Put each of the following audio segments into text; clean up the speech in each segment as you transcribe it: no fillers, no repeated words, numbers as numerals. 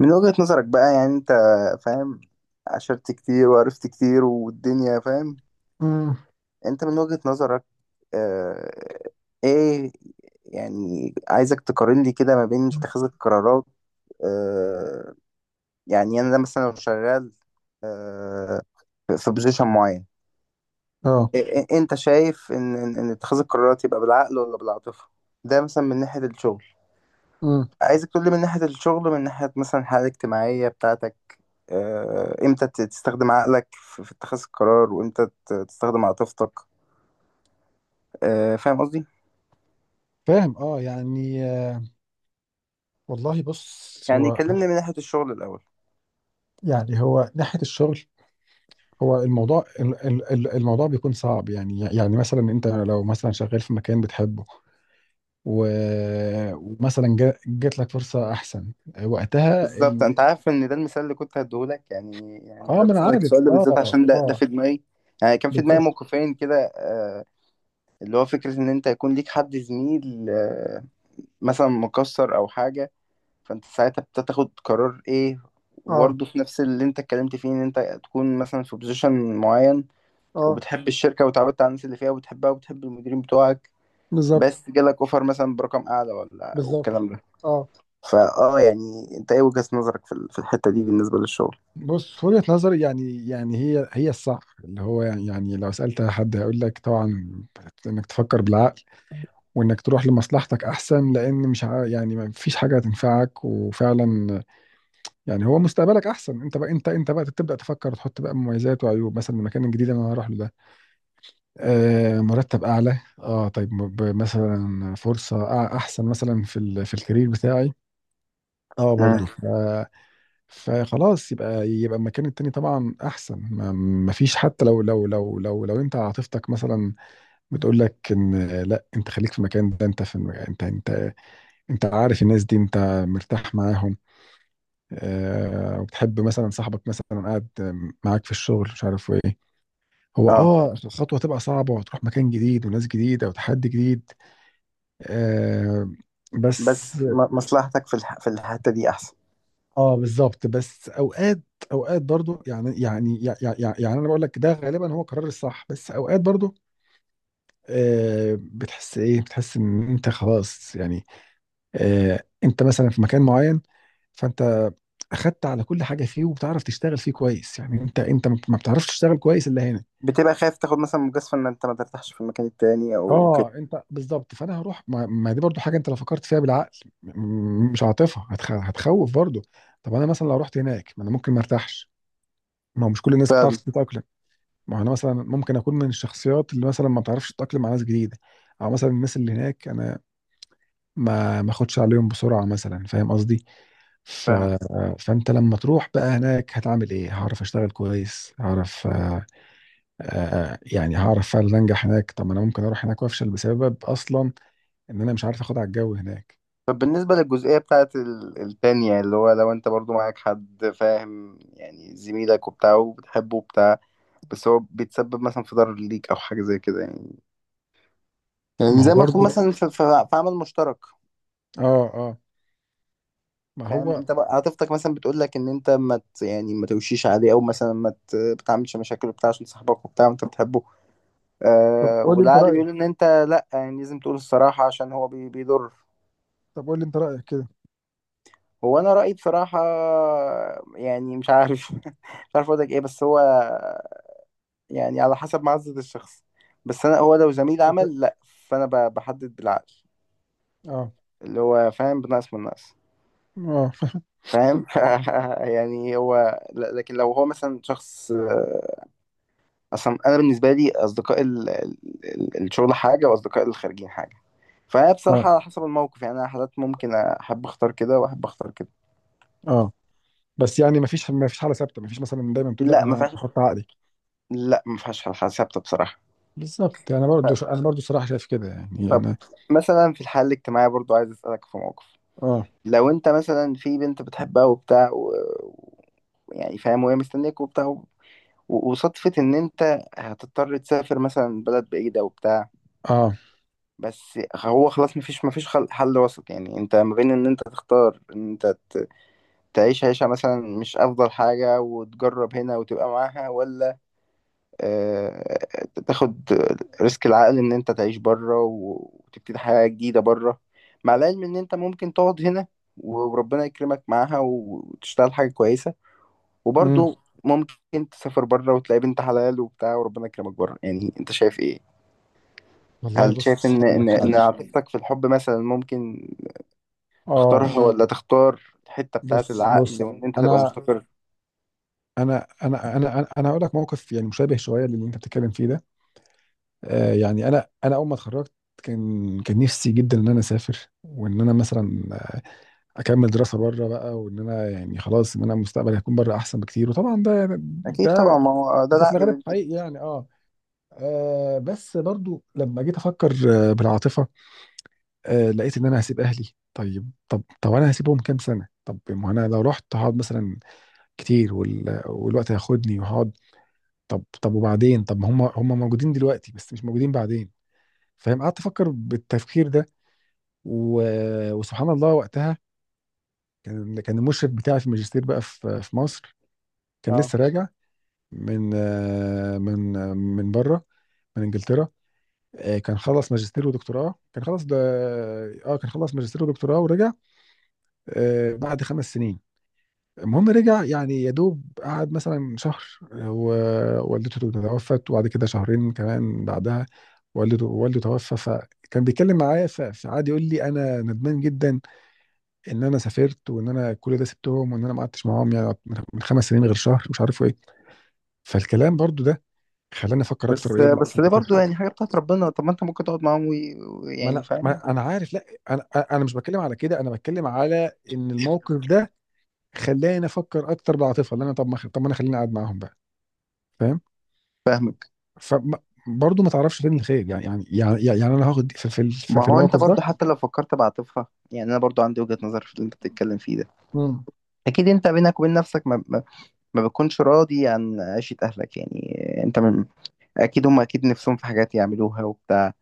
من وجهة نظرك بقى يعني انت فاهم، عشرت كتير وعرفت كتير والدنيا فاهم. امم انت من وجهة نظرك، اه، ايه، يعني عايزك تقارن لي كده ما بين اتخاذ القرارات. اه، يعني انا مثلا لو شغال، اه، في بوزيشن معين. اه إيه، إيه انت شايف ان اتخاذ القرارات يبقى بالعقل ولا بالعاطفة؟ ده مثلا من ناحية الشغل. امم عايزك تقول لي من ناحية الشغل، من ناحية مثلا الحالة الاجتماعية بتاعتك. آه، امتى تستخدم عقلك في اتخاذ القرار وامتى تستخدم عاطفتك؟ آه، فاهم قصدي. فاهم، يعني آه، والله، بص. يعني هو كلمني من ناحية الشغل الأول. يعني هو ناحية الشغل، الموضوع الموضوع بيكون صعب. يعني مثلا انت لو مثلا شغال في مكان بتحبه، ومثلا جات لك فرصة احسن، وقتها بالظبط، ال... انت عارف ان ده المثال اللي كنت هديهولك. يعني اه انا ما انا بسألك عارف، السؤال ده بالذات عشان ده في دماغي. يعني كان في دماغي بالظبط موقفين كده، آه، اللي هو فكرة ان انت يكون ليك حد زميل، آه، مثلا مكسر او حاجة، فانت ساعتها بتاخد قرار ايه؟ اه وبرضه في نفس اللي انت اتكلمت فيه، ان انت تكون مثلا في بوزيشن معين، اه وبتحب الشركة وتعودت على الناس اللي فيها وبتحبها وبتحب المديرين بتوعك، بالظبط. بس جالك اوفر مثلا برقم اعلى ولا بالظبط، والكلام ده. اه فاه، يعني انت ايه وجهة نظرك في الحتة دي بالنسبة للشغل؟ بص، وجهة نظري يعني هي الصح. اللي هو يعني، لو سألت حد هيقول لك طبعا انك تفكر بالعقل وانك تروح لمصلحتك احسن، لان مش ع- يعني ما فيش حاجة هتنفعك. وفعلا يعني هو مستقبلك احسن. انت بقى انت بقى تبدأ تفكر، تحط بقى مميزات وعيوب مثلا المكان الجديد اللي انا هروح له ده. آه، مرتب اعلى، طيب، مثلا فرصة احسن مثلا في في الكارير بتاعي، اه مم. برضه. فخلاص، يبقى المكان التاني طبعا احسن، ما فيش. حتى لو انت عاطفتك مثلا بتقول لك ان لا، انت خليك في المكان ده، انت في انت عارف الناس دي، انت مرتاح معاهم، آه، وبتحب مثلا صاحبك مثلا قاعد معاك في الشغل، مش عارف ايه. هو اه، الخطوه تبقى صعبه، وتروح مكان جديد وناس جديده وتحدي جديد، آه. بس. بس مصلحتك في الحتة دي احسن. اه بالظبط، بس اوقات، برضو، انا بقول لك، ده غالبا هو قرار الصح، بس اوقات برضو آه، بتحس ان انت خلاص يعني، آه، انت مثلا في مكان معين، فانت اخدت على كل حاجه فيه وبتعرف تشتغل فيه كويس. يعني انت ما بتعرفش تشتغل كويس الا هنا. بتبقى خايف تاخد مثلا مجازفة ان انت ما ترتاحش في المكان التاني او كده. اه انت بالظبط، فانا هروح ما دي برضو حاجه. انت لو فكرت فيها بالعقل مش عاطفه، هتخوف برضو. طب انا مثلا لو رحت هناك، ما انا ممكن ما ارتاحش. ما هو مش كل الناس بتعرف فاهم. تتاقلم. ما هو انا مثلا ممكن اكون من الشخصيات اللي مثلا ما بتعرفش تتاقلم مع ناس جديده. او مثلا الناس اللي هناك انا ما اخدش عليهم بسرعه مثلا، فاهم قصدي؟ ف... فاهم. فانت لما تروح بقى هناك هتعمل ايه؟ هعرف اشتغل كويس؟ هعرف آه، آه، يعني هعرف فعلا انجح هناك؟ طب ما انا ممكن اروح هناك وافشل، بسبب اصلا ان انا مش عارف اخد على الجو هناك. طب بالنسبة للجزئية بتاعت التانية، اللي هو لو انت برضو معاك حد فاهم، يعني زميلك وبتاع وبتحبه وبتاع، بس هو بيتسبب مثلا في ضرر ليك او حاجة زي كده. يعني ما يعني هو زي ما تكون برضو، مثلا في عمل مشترك. اه اه ما فاهم هو. انت بقى، عاطفتك مثلا بتقول لك ان انت ما ت- يعني ما توشيش عليه، او مثلا ما ت- بتعملش مشاكل وبتاع عشان صاحبك وبتاع وانت بتحبه. طب آه، قول لي انت والعقل رايك، بيقول ان انت، لا، يعني لازم تقول الصراحة عشان هو بي بيضر. كده. هو انا رأيي بصراحة، يعني مش عارف مش عارف اقول لك ايه، بس هو يعني على حسب معزة الشخص. بس انا هو لو زميل فكرة- عمل، لا، فانا بحدد بالعقل، اه اللي هو فاهم، بنقص من نقص. اه فاهم؟ يعني هو لكن لو هو مثلا شخص، آه، اصلا انا بالنسبه لي اصدقاء الشغل حاجه، واصدقاء الخارجين حاجه. فبصراحه اه على حسب الموقف، يعني انا حالات ممكن احب اختار كده واحب اختار كده. اه بس يعني ما فيش حاله ثابته. ما فيش مثلا دايما بتقول لا، لا، ما انا فيهاش. احط عقلي. لا، ما فيهاش حاجه ثابته بصراحه. بالظبط، انا برضو طب. انا برضو صراحه شايف كده يعني، طب انا مثلا في الحاله الاجتماعيه برضو عايز اسالك في موقف. اه لو انت مثلا في بنت بتحبها وبتاع و... يعني فاهم، وهي مستنيك وبتاع و- وصدفة إن أنت هتضطر تسافر مثلا بلد بعيدة وبتاع. اه بس هو خلاص، مفيش حل وسط. يعني انت ما بين ان انت تختار ان انت تعيش عيشة مثلا مش افضل حاجة وتجرب هنا وتبقى معاها، ولا آه، تاخد ريسك العقل ان انت تعيش بره وتبتدي حياة جديدة بره. مع العلم ان انت ممكن تقعد هنا وربنا يكرمك معاها وتشتغل حاجة كويسة، امم وبرضه ممكن تسافر بره وتلاقي بنت حلال وبتاع وربنا يكرمك بره. يعني انت شايف ايه؟ والله هل شايف بص ان هقول لك حاجه. عاطفتك في الحب مثلا ممكن اه تختارها، ولا تختار الحتة بتاعت بص بص العقل وإن أنت تبقى انا مستقر؟ أنا هقول لك موقف يعني مشابه شويه للي انت بتتكلم فيه ده، آه. يعني انا اول ما اتخرجت، كان نفسي جدا ان انا اسافر، وان انا مثلا اكمل دراسه بره بقى، وان انا يعني خلاص، ان انا مستقبلي هيكون بره احسن بكتير. وطبعا ده، اكيد طبعا، ده ما هو ده ده في العقل الغالب بيقول كده. حقيقي يعني، اه. آه، بس برضو لما جيت افكر آه بالعاطفه، آه لقيت ان انا هسيب اهلي. طيب، طب انا هسيبهم كام سنه؟ طب ما انا لو رحت هقعد مثلا كتير، والوقت هياخدني وهقعد. طب وبعدين، طب ما هم موجودين دلوقتي، بس مش موجودين بعدين. فاهم؟ قعدت افكر بالتفكير ده، و... وسبحان الله وقتها كان المشرف بتاعي في الماجستير بقى، في مصر، كان اه، لسه راجع من آه، من بره، من انجلترا. آه، كان خلص ماجستير ودكتوراه. كان خلص ماجستير ودكتوراه ورجع. آه، بعد خمس سنين. المهم رجع، يعني يا دوب قعد مثلا شهر، آه، ووالدته توفت. وبعد كده شهرين كمان بعدها والده توفى. فكان بيتكلم معايا، فقعد يقول لي انا ندمان جدا ان انا سافرت، وان انا كل ده سبتهم، وان انا ما قعدتش معاهم يعني، من خمس سنين غير شهر، مش عارف ايه. فالكلام برضو ده خلاني افكر اكتر. بس ايه، لا بس ده برضو يعني حاجه بتاعت ربنا. طب ما انت ممكن تقعد معاهم ويعني فاهم. ما انا عارف. لا، انا انا مش بتكلم على كده. انا بتكلم على ان الموقف ده خلاني افكر اكتر بالعاطفه، اللي انا، طب ما انا خليني قاعد معاهم بقى. فاهم؟ فاهمك. فبرضه ما تعرفش فين الخير يعني, انا هاخد في ما هو انت الموقف برضو ده. حتى لو فكرت بعاطفها، يعني انا برضو عندي وجهه نظر في اللي انت بتتكلم فيه ده. امم اكيد انت بينك وبين نفسك ما بتكونش راضي عن عيشه اهلك. يعني انت من، اكيد هم اكيد نفسهم في حاجات يعملوها وبتاع،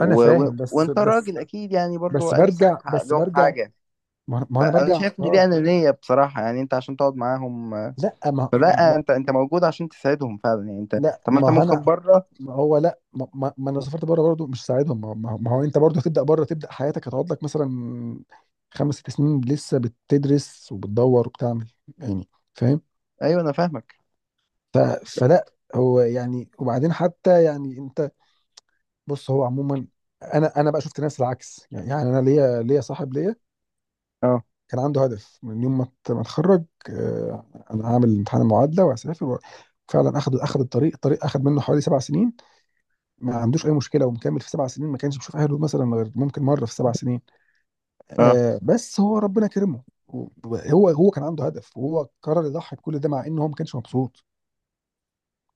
انا فاهم، بس وانت بس راجل اكيد يعني برضو بس نفسك برجع، تحقق بس لهم برجع حاجه. ما ما انا فانا برجع شايف ان دي اختار. انانيه بصراحه، يعني انت عشان تقعد معاهم، آه، لا ما فلا، ما- انت موجود عشان تساعدهم فعلا. يعني انت، لا طب ما انت ما انا ممكن بره. ما هو لا، ما انا سافرت بره برضه، مش ساعدهم. ما هو انت برضه هتبدا بره، تبدا حياتك، هتقعد لك مثلا خمس ست سنين لسه بتدرس وبتدور وبتعمل، يعني فاهم؟ ايوه انا فاهمك. ف- فلا. هو يعني وبعدين حتى يعني انت، بص هو عموما انا انا بقى شفت ناس العكس يعني. انا ليا صاحب ليا اه، كان عنده هدف من يوم ما اتخرج، آه، انا هعمل امتحان المعادله وهسافر، فعلا. اخذ الطريق. الطريق اخذ منه حوالي سبع سنين، ما عندوش اي مشكله ومكمل في سبع سنين. ما كانش بيشوف اهله مثلا، غير ممكن مره في سبع سنين، اه، آه. بس هو ربنا كرمه، و- هو هو كان عنده هدف، وهو قرر يضحي بكل ده، مع ان هو ما كانش مبسوط.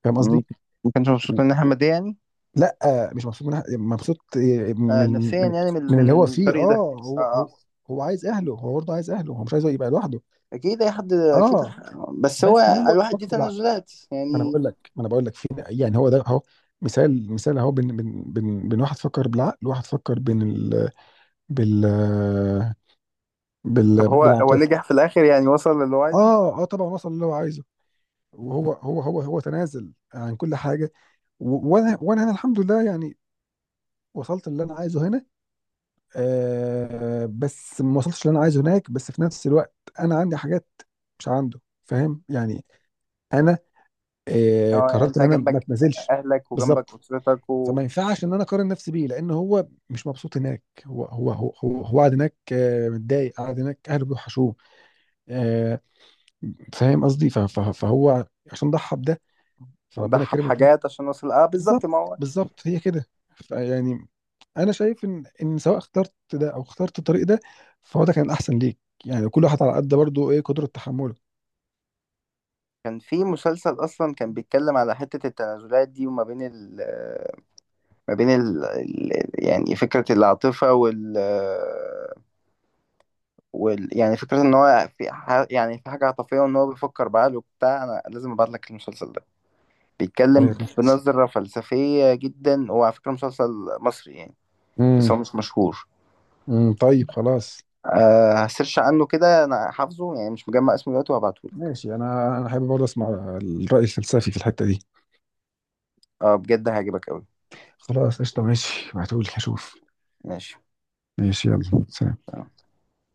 فاهم قصدي؟ ما كانش و- مبسوط من احمد ده يعني؟ لا، آه، مش مبسوط، من مبسوط آه، آه، من نفسيا من يعني من اللي هو من فيه، الطريق ده. اه. اه، هو هو اه، هو عايز اهله، هو برضه عايز اهله، هو مش عايز يبقى لوحده، اكيد اي حد اكيد. اه. بس هو بس هو الواحد دي فقد تنازلات يعني. ما انا بقول لك، في يعني، هو ده اهو، مثال، مثال اهو بين واحد فكر بالعقل، وواحد فكر بين ال... بال طب بال... هو، هو بالعاطفه. نجح في الاخر يعني، وصل للي هو عايزه. اه طبعا وصل اللي هو عايزه، وهو هو هو هو تنازل عن كل حاجه. و... وانا وانا انا الحمد لله يعني، وصلت اللي انا عايزه هنا، آه، بس ما وصلتش اللي انا عايزه هناك. بس في نفس الوقت انا عندي حاجات مش عنده، فاهم يعني؟ انا آه اه، يعني قررت ان انت انا ما جنبك اتنازلش. اهلك وجنبك بالظبط. اسرتك و- فما ينفعش ان انا اقارن نفسي بيه، لان هو مش مبسوط هناك. هو قاعد هناك آه، متضايق، قاعد هناك اهله بيوحشوه، آه، فاهم قصدي؟ فهو عشان ضحى بده، فربنا وضحى كرمه بده. بحاجات عشان وصل. اه، بالظبط بالظبط، ما هو. هي كده يعني. انا شايف ان سواء اخترت ده او اخترت الطريق ده، فهو ده كان احسن ليك. يعني كل واحد على قد برضه ايه، قدرة تحمله. كان في مسلسل اصلا كان بيتكلم على حتة التنازلات دي، وما بين ال، ما بين ال، يعني فكرة العاطفة وال، وال يعني فكرة ان هو في يعني في حاجة عاطفية، وان هو بيفكر بعقله وبتاع. انا لازم ابعت لك المسلسل ده، ايوه. بيتكلم بنظرة فلسفية جدا. هو على فكرة مسلسل مصري يعني، بس هو امم مش مشهور. أمم، طيب خلاص. أه، هسيرش عنه كده، انا حافظه يعني مش مجمع اسمه دلوقتي، وهبعته لك. ماشي، انا حابب برضه اسمع الرأي الفلسفي في الحتة دي. اه بجد هيعجبك قوي. خلاص قشطة، ماشي، ابعتهولي اشوف. ماشي. ماشي، يلا سلام.